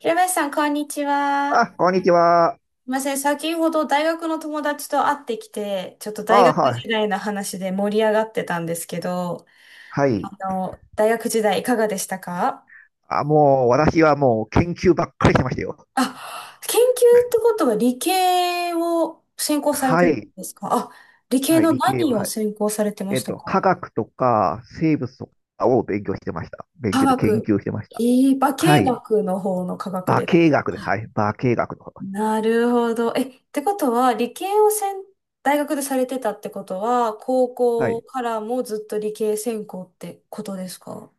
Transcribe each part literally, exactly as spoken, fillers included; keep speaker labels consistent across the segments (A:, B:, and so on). A: 平林さん、こんにち
B: あ、
A: は。
B: こんにちは。
A: すいません、先ほど大学の友達と会ってきて、ちょっと
B: あ、
A: 大学
B: は
A: 時
B: い。
A: 代の話で盛り上がってたんですけど、
B: はい。
A: あの、大学時代いかがでしたか？
B: あ、もう、私はもう研究ばっかりしてましたよ。
A: あ、研究ってことは理系を専攻されて
B: は
A: たん
B: い。
A: ですか？あ、理系
B: はい、
A: の
B: 理系は、
A: 何を
B: はい。
A: 専攻されてま
B: えっ
A: した
B: と、
A: か？
B: 科学とか生物とかを勉強してました。勉
A: 科
B: 強で研
A: 学。
B: 究してまし
A: え
B: た。
A: ー、化
B: はい。
A: 学の方の科学
B: 化
A: です。
B: 学です。はい。化学の方。
A: なるほど。え、ってことは、理系をせん、大学でされてたってことは、高
B: は
A: 校
B: い。
A: からもずっと理系専攻ってことですか？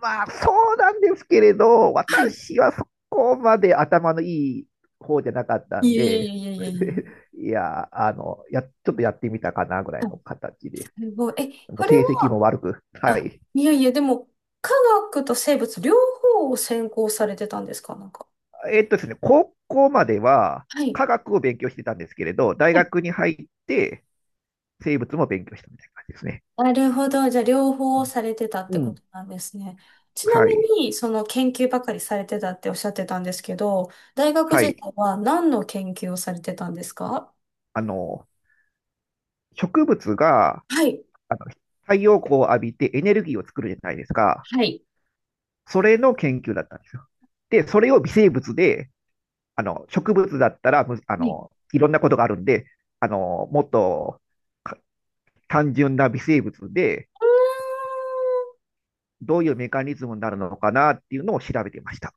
B: まあ、そうなんですけれど、
A: はい。
B: 私はそこまで頭のいい方じゃなかった
A: い
B: ん
A: やいや
B: で、
A: いや。いやいやいや。
B: いや、あの、や、ちょっとやってみたかなぐらい
A: あ、
B: の形で、
A: すごい。え、
B: も
A: こ
B: う
A: れ
B: 成績も
A: は、
B: 悪く、は
A: あ、
B: い。
A: いやいや、でも、科学と生物両方を専攻されてたんですか？なんか。
B: えっとですね、高校までは
A: はい。
B: 科学を勉強してたんですけれど、大学に入って生物も勉強したみたいな感じですね。
A: なるほど。じゃあ、両方されてたっ
B: う
A: てこ
B: ん。
A: となんですね。ちな
B: は
A: み
B: い。
A: に、その研究ばかりされてたっておっしゃってたんですけど、大学
B: は
A: 時
B: い。
A: 代は何の研究をされてたんですか？
B: あの、植物が、
A: はい、
B: あの、太陽光を浴びてエネルギーを作るじゃないですか。
A: はい、
B: それの研究だったんですよ。で、それを微生物で、あの、植物だったら、むあ
A: はい。う
B: の、いろんなことがあるんで、あの、もっとか単純な微生物で、どういうメカニズムになるのかなっていうのを調べてました。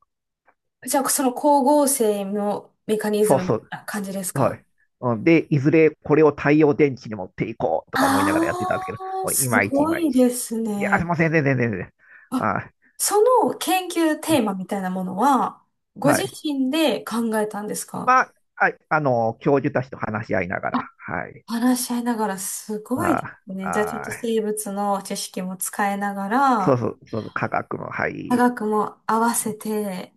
A: ーんじゃあ、その光合成のメカニズ
B: そう
A: ム
B: そう。
A: な感じです
B: は
A: か？
B: い。うんで、いずれこれを太陽電池に持っていこうとか思いなが
A: あ
B: らやってたんですけど、
A: ー、
B: もうい
A: す
B: まいちい
A: ご
B: まい
A: い
B: ち。
A: です
B: いや、すい
A: ね。
B: ません、全然全然全然。
A: あ、
B: あ、
A: その研究テーマみたいなものは、ご
B: は
A: 自
B: い。
A: 身で考えたんですか？
B: まあ、はいあの、教授たちと話し合いながら、はい。
A: 話し合いながらすごいで
B: あ、
A: すね。じゃあちょっと
B: あ、
A: 生物の知識も使いなが
B: そう
A: ら、
B: そう、そう科学の、は
A: 科
B: い。
A: 学も合わせて、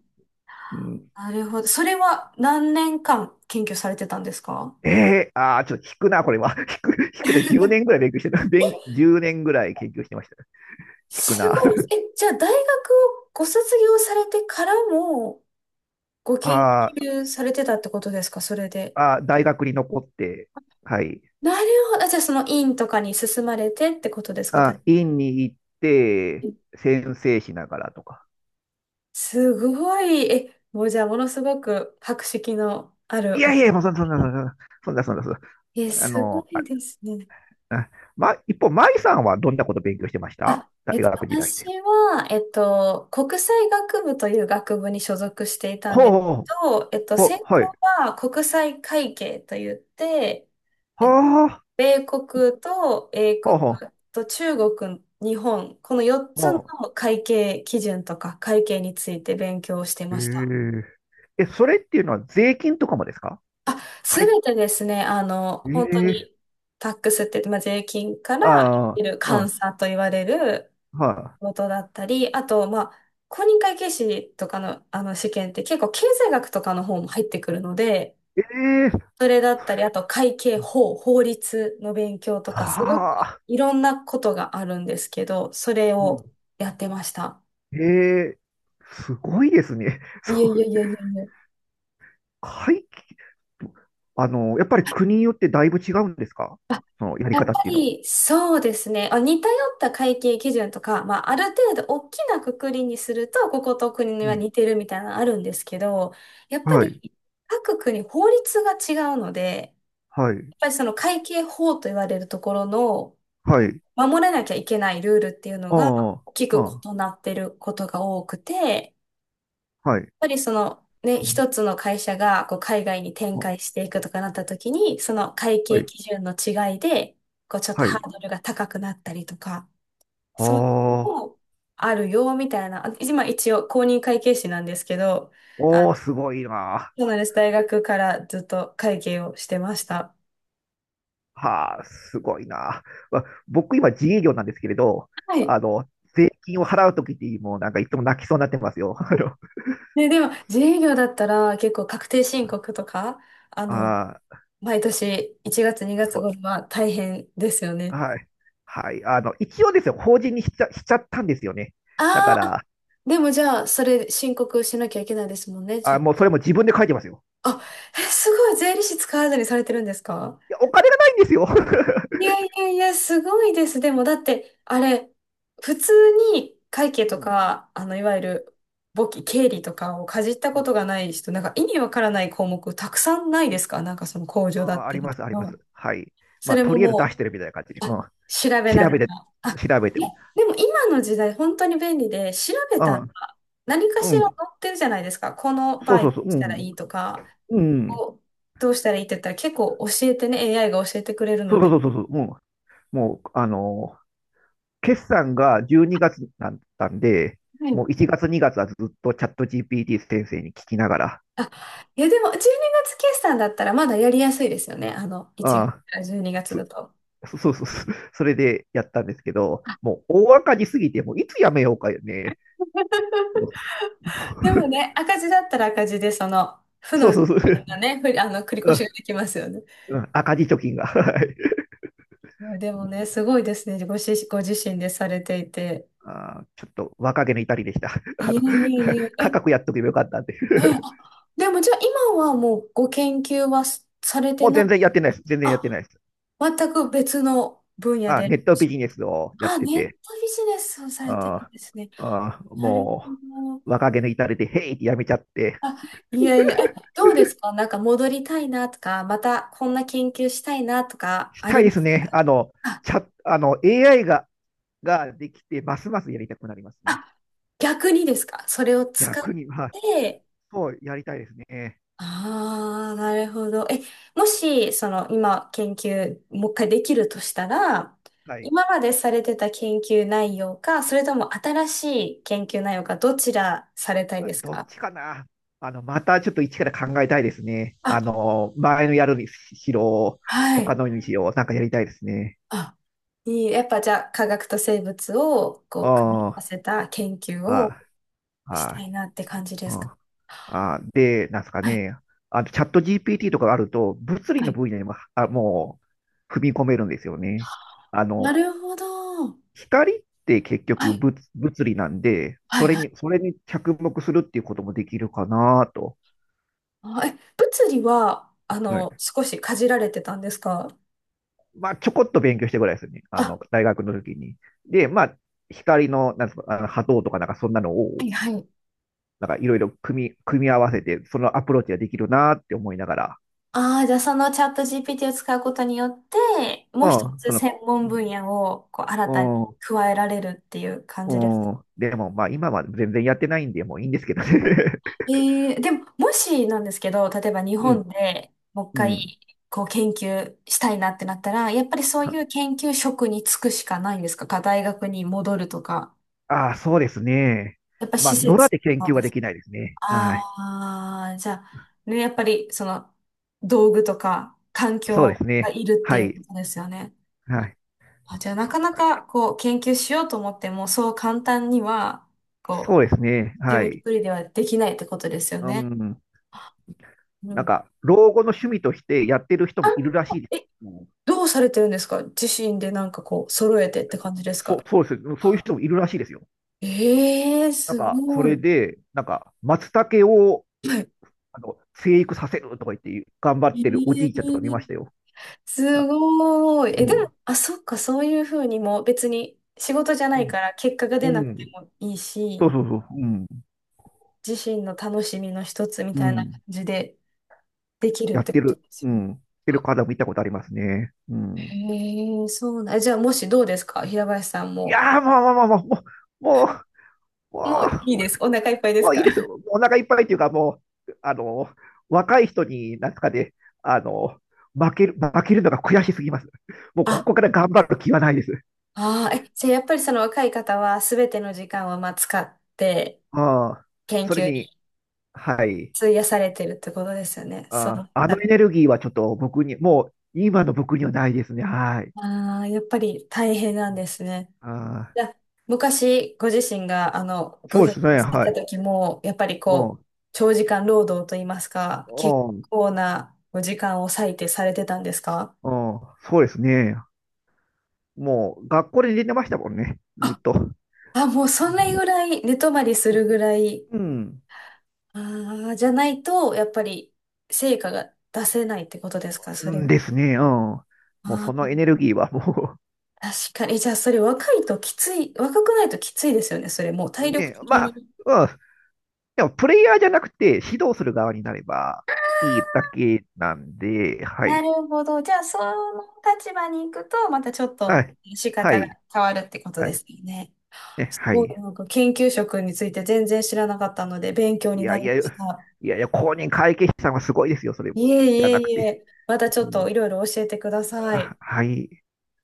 B: うん、
A: なるほど。それは何年間研究されてたんですか？
B: えー、ああ、ちょっと引くな、これは。引く、引くな、じゅうねんぐらい勉強してた。勉、じゅうねんぐらい研究してました。引く
A: す
B: な。
A: ごい。え、じゃあ大学をご卒業されてからもご 研
B: あー
A: 究されてたってことですか？それで。
B: あー、大学に残って、はい。
A: なるほど。あ、じゃあその院とかに進まれてってことですか？大
B: あ、院に行っ
A: 学
B: て、先生しながらとか。
A: すごい。え、もうじゃあものすごく博識のあ
B: い
A: る
B: や
A: お
B: いや、もうそんな、そんな、そんな、そんな、そんな、そんな
A: え、
B: あ
A: すご
B: の、あ、
A: いですね。
B: あま、一方、舞さんはどんなこと勉強してました
A: あ、
B: 大
A: えっと、
B: 学時代
A: 私
B: で？
A: は、えっと、国際学部という学部に所属していたん
B: ほう
A: ですけ
B: ほう、
A: ど、えっと、
B: ほ
A: 専
B: う、はい。
A: 攻は国際会計といって、えっと
B: はあ、
A: 米国と英
B: ほ
A: 国
B: うほう、
A: と中国、日本、この4
B: ほ
A: つの会計基準とか会計について勉強をして
B: う。
A: ました。
B: へえ。え、それっていうのは税金とかもですか？
A: す
B: 会計。
A: べてですね、あの、
B: え
A: 本当
B: え、
A: にタックスって言って、まあ、税金から
B: あ
A: いる
B: あ、
A: 監
B: あ
A: 査と言われる
B: あ、は
A: ことだったり、あと、まあ、公認会計士とかの、あの試験って結構経済学とかの方も入ってくるので、
B: い。ええ、
A: それだったり、あと会計法、法律の勉強とか、すごく
B: はあ、
A: いろんなことがあるんですけど、それ
B: う
A: を
B: ん、
A: やってました。
B: ええ、すごいですね。そ
A: いやいや
B: う。
A: いやいやいや。
B: 会期、あの、やっぱり国によってだいぶ違うんですか？
A: あ、
B: そのやり
A: やっぱ
B: 方っていうのは。
A: りそうですね。あ、似通った会計基準とか、まあ、ある程度大きな括りにすると、ここと国
B: う
A: は
B: ん。
A: 似てるみたいなのあるんですけど、やっ
B: は。
A: ぱ
B: はい、
A: り各国法律が違うので、
B: はい、
A: ぱりその会計法と言われるところの
B: はい。
A: 守らなきゃいけないルールっていうのが
B: あ
A: 大き
B: あ、
A: く
B: あ
A: 異なってることが多くて、やっ
B: あ、はい、
A: ぱりそのね、一つの会社がこう海外に展
B: あ、
A: 開していくとかなった時に、その会
B: は
A: 計
B: い、
A: 基準の違いで、こうちょっと
B: は
A: ハ
B: い。
A: ードルが高くなったりとか、そういうの
B: ああ、
A: もあるよみたいな、今一応公認会計士なんですけど、
B: お
A: あ、
B: ー、すごいな。
A: そうなんです。大学からずっと会計をしてました。
B: はあ、すごいな。わ僕今自営業なんですけれど、
A: はい。
B: あの、税金を払うときって、もうなんかいつも泣きそうになってますよ。あの、
A: ね、でも、自営業だったら、結構確定申告とか、あの、
B: ああ、
A: 毎年いちがつにがつ
B: そう、
A: 頃は大変ですよね。
B: はい。はい。あの、一応ですよ、法人にしちゃ、しちゃったんですよね。だか
A: あーあ、
B: ら、
A: でもじゃあ、それ申告しなきゃいけないですもんね。
B: あ、
A: じ、
B: もうそれも自分で書いてますよ。
A: あ、え、すごい、税理士使わずにされてるんですか？
B: いや、お金がないんですよ。
A: い やいやいや、すごいです。でも、だって、あれ、普通に会計
B: う
A: と
B: ん。
A: か、あの、いわゆる、簿記、経理とかをかじった
B: う
A: こと
B: ん、
A: がない人、なんか意味わからない項目たくさんないですか？なんかその控除だっ
B: あ、あ
A: た
B: り
A: り
B: ま
A: と
B: す、ありま
A: か。
B: す。はい。
A: そ
B: まあ、
A: れ
B: と
A: も
B: りあえず出
A: も
B: してるみたいな感じで、
A: う、
B: う
A: あ、
B: ん、
A: 調べな
B: 調
A: が
B: べ
A: ら。
B: て、
A: あ、
B: 調べ
A: え、
B: ても。
A: でも今の時代本当に便利で、調べたら
B: あ、
A: 何か
B: う
A: しら載
B: ん、
A: ってるじゃないですか。この
B: そ
A: 場
B: う
A: 合
B: そ
A: ど
B: うそう、
A: うし
B: う
A: たら
B: ん、
A: いいとか、
B: うん、
A: こうどうしたらいいって言ったら結構教えてね、エーアイ が教えてくれる
B: そう
A: ので。
B: そうそうそう、うん、もう、あのー、決算がじゅうにがつだったんで、
A: は
B: も
A: い、
B: ういちがつ、にがつはずっとチャット ジーピーティー 先生に聞きながら、
A: あ、いや、でもじゅうにがつ決算だったらまだやりやすいですよね。あの、いちがつ
B: あ、
A: からじゅうにがつ
B: そ、
A: だと。
B: そうそうそう、それでやったんですけど、もう大赤字すぎて、もういつやめようかね。
A: でもね、赤字だったら赤字で、その、負
B: そう
A: の
B: そ
A: 税
B: うそう。
A: 金がね、ふりあの、繰り越
B: う
A: し
B: ん。
A: ができますよね。
B: うん、赤字貯金が。はい。
A: でもね、すごいですね。ごし、ご自身でされていて。
B: あーちょっと若気の至りでした。あ
A: いえ
B: の、
A: いえいえ。
B: 価
A: え、
B: 格やっとけばよかったってい
A: うん、
B: う。
A: あ、でもじゃあ今はもうご研究はすされ て
B: もう
A: ない。
B: 全然やってないです。全然やって
A: あ、
B: ないです。
A: 全く別の分野
B: あ、
A: で。
B: ネットビジネスをやっ
A: あ、
B: て
A: ネット
B: て、
A: ビジネスをされてるん
B: あ
A: ですね。
B: ーあー、
A: なるほ
B: も
A: ど。
B: う若気の至りで、へいってやめちゃって、
A: あ、いやいや、え、どうですか？なんか戻りたいなとか、またこんな研究したいなとか
B: し
A: あ
B: た
A: り
B: いで
A: ま
B: す
A: すか？
B: ね。あの、
A: あ、
B: チャ、あの、エーアイ が、ができて、ますますやりたくなりますね。
A: あ、逆にですか？それを使っ
B: 逆に、まあ、
A: て、
B: そう、やりたいですね。
A: ああ、なるほど。え、もし、その、今、研究、もう一回できるとしたら、
B: はい。
A: 今までされてた研究内容か、それとも新しい研究内容か、どちらされたいです
B: どっ
A: か？
B: ちかな。あの、またちょっと一から考えたいですね。あ
A: あ、
B: の、前のやるにしろ、
A: は
B: 他
A: い。
B: のにしろ、なんかやりたいですね。
A: あ、いい。やっぱじゃあ、科学と生物を、こう、組み合わ
B: あ
A: せた研究を
B: あ、ああ、
A: し
B: は
A: た
B: い、
A: いなって感じで
B: う
A: すか？
B: ん、ああ、で、なんですか
A: はい
B: ね。あと、チャット ジーピーティー とかがあると、物理
A: は
B: の
A: い、
B: 分野にも、あ、もう、踏み込めるんですよね。あ
A: な
B: の、
A: るほど。
B: 光って結
A: は
B: 局
A: い、
B: 物、物理なんで、
A: はい、
B: それ
A: はい。
B: に、それに着目するっていうこともできるかなと。
A: あ、え、物理は、あの、少しかじられてたんですか？
B: まあ、ちょこっと勉強してぐらいですよね。あ
A: あ、
B: の、大学の時に。で、まあ、光の、なんですか、あの波動とかなんかそんなの
A: は
B: を、
A: いはい。
B: なんかいろいろ組み、組み合わせて、そのアプローチができるなって思いながら、
A: ああ、じゃあそのチャット ジーピーティー を使うことによって、も
B: う
A: う一
B: ん、
A: つ
B: その、
A: 専門分野をこう新たに
B: う
A: 加えられるっていう感じですか？
B: ん、うん、でもまあ今は全然やってないんで、もういいんですけどね。
A: えー、でも、もしなんですけど、例えば日
B: う
A: 本
B: ん、
A: でもう一
B: うん。
A: 回こう研究したいなってなったら、やっぱりそういう研究職に就くしかないんですか？か大学に戻るとか。
B: ああ、そうですね。
A: やっぱ
B: ま
A: 施
B: あ、野良
A: 設
B: で研
A: は
B: 究は
A: で
B: で
A: す。
B: きないですね。はい。
A: ああ、じゃあ、ね、やっぱりその道具とか環
B: そうで
A: 境
B: す
A: が
B: ね。
A: いるって
B: は
A: いう
B: い。
A: ことですよね。
B: はい。
A: あ、じゃあなかなかこう研究しようと思ってもそう簡単にはこう
B: そうですね。
A: 自
B: は
A: 分一
B: い。
A: 人ではできないってことですよ
B: う
A: ね。
B: ん。
A: う
B: なん
A: ん。
B: か、老後の趣味としてやってる人
A: あ、
B: もいるらしいです。
A: え、どうされてるんですか？自身でなんかこう揃えてって感じです
B: そうん、
A: か？
B: そそうです。そういう人もいるらしいですよ。
A: ええー、
B: なん
A: す
B: か、そ
A: ご
B: れ
A: い。
B: で、なんか、松茸を、
A: はい。
B: あの、生育させるとか言って、頑張
A: え
B: ってるお
A: え
B: じいちゃんとか見ま
A: ー、
B: したよ。
A: す
B: あ、
A: ごい。
B: う
A: え、でも、
B: ん。
A: あ、そっか、そういうふうにも別に仕事じゃ
B: う
A: ない
B: ん。
A: から結果が出
B: う
A: なくて
B: ん、
A: もいい
B: そう
A: し、
B: そうそう。うん。
A: 自身の楽しみの一つみ
B: う
A: たいな感
B: ん。
A: じでできるっ
B: やっ
A: て
B: て
A: こと
B: る。
A: です
B: う
A: よね。
B: ん。やってる方も見たことありますね。う
A: へ
B: ん。
A: え、そうな、じゃあもしどうですか？平林さん
B: い
A: も。
B: やー、もう、もう、ももう、もう、
A: も
B: も
A: ういい
B: う、
A: です。お腹いっぱいで
B: も
A: す
B: うい
A: か？
B: いですよ。お腹いっぱいっていうか、もう、あの、若い人に、なんとかであの、負ける、負けるのが悔しすぎます。もうこ
A: あ、
B: こから頑張る気はないです。
A: ああ、え、じゃあやっぱりその若い方は全ての時間をまあ使って
B: ああ、
A: 研
B: それ
A: 究
B: に、
A: に
B: はい。
A: 費やされてるってことですよね。そうだ
B: あ
A: っ
B: あ、あ
A: た
B: のエ
A: ら。
B: ネルギーはちょっと僕に、もう今の僕にはないですね。はい。
A: ああ、やっぱり大変なんですね。
B: ああ、
A: じゃあ昔ご自身があのご
B: そう
A: 研
B: です
A: 究
B: ね。
A: され
B: は
A: た
B: い。
A: 時も、やっぱり
B: う
A: こう、
B: ん。
A: 長時間労働といいますか、結
B: うん。
A: 構なお時間を割いてされてたんですか？
B: うん。そうですね。もう学校で寝てましたもんね。ずっと。
A: あ、もうそんなぐらい寝泊まりするぐら
B: う
A: い、
B: ん。
A: ああ、じゃないと、やっぱり成果が出せないってことですか？そ
B: う
A: れ
B: んですね。うん。もう
A: は。
B: そ
A: あ
B: のエネルギーはもう
A: あ、確かに。じゃあ、それ若いときつい、若くないときついですよね、それもう体力
B: ね、
A: 的
B: まあ、
A: に。
B: うん、でもプレイヤーじゃなくて指導する側になればいいだけなんで、は
A: な
B: い。
A: るほど。じゃあ、その立場に行くと、またちょっ
B: は
A: と
B: い。
A: 仕
B: は
A: 方が
B: い。
A: 変わるってこと
B: は
A: で
B: い。
A: すよね。
B: ね、
A: す
B: は
A: ごい、
B: い。
A: なんか研究職について全然知らなかったので、勉強
B: い
A: にな
B: やい
A: り
B: や、
A: ま
B: い
A: した。
B: やいや、公認会計士さんはすごいですよ、それ。
A: いえ
B: じゃな
A: い
B: く
A: えい
B: て。
A: え、またち
B: う
A: ょっと
B: ん、
A: いろいろ教えてください。
B: あ、はい。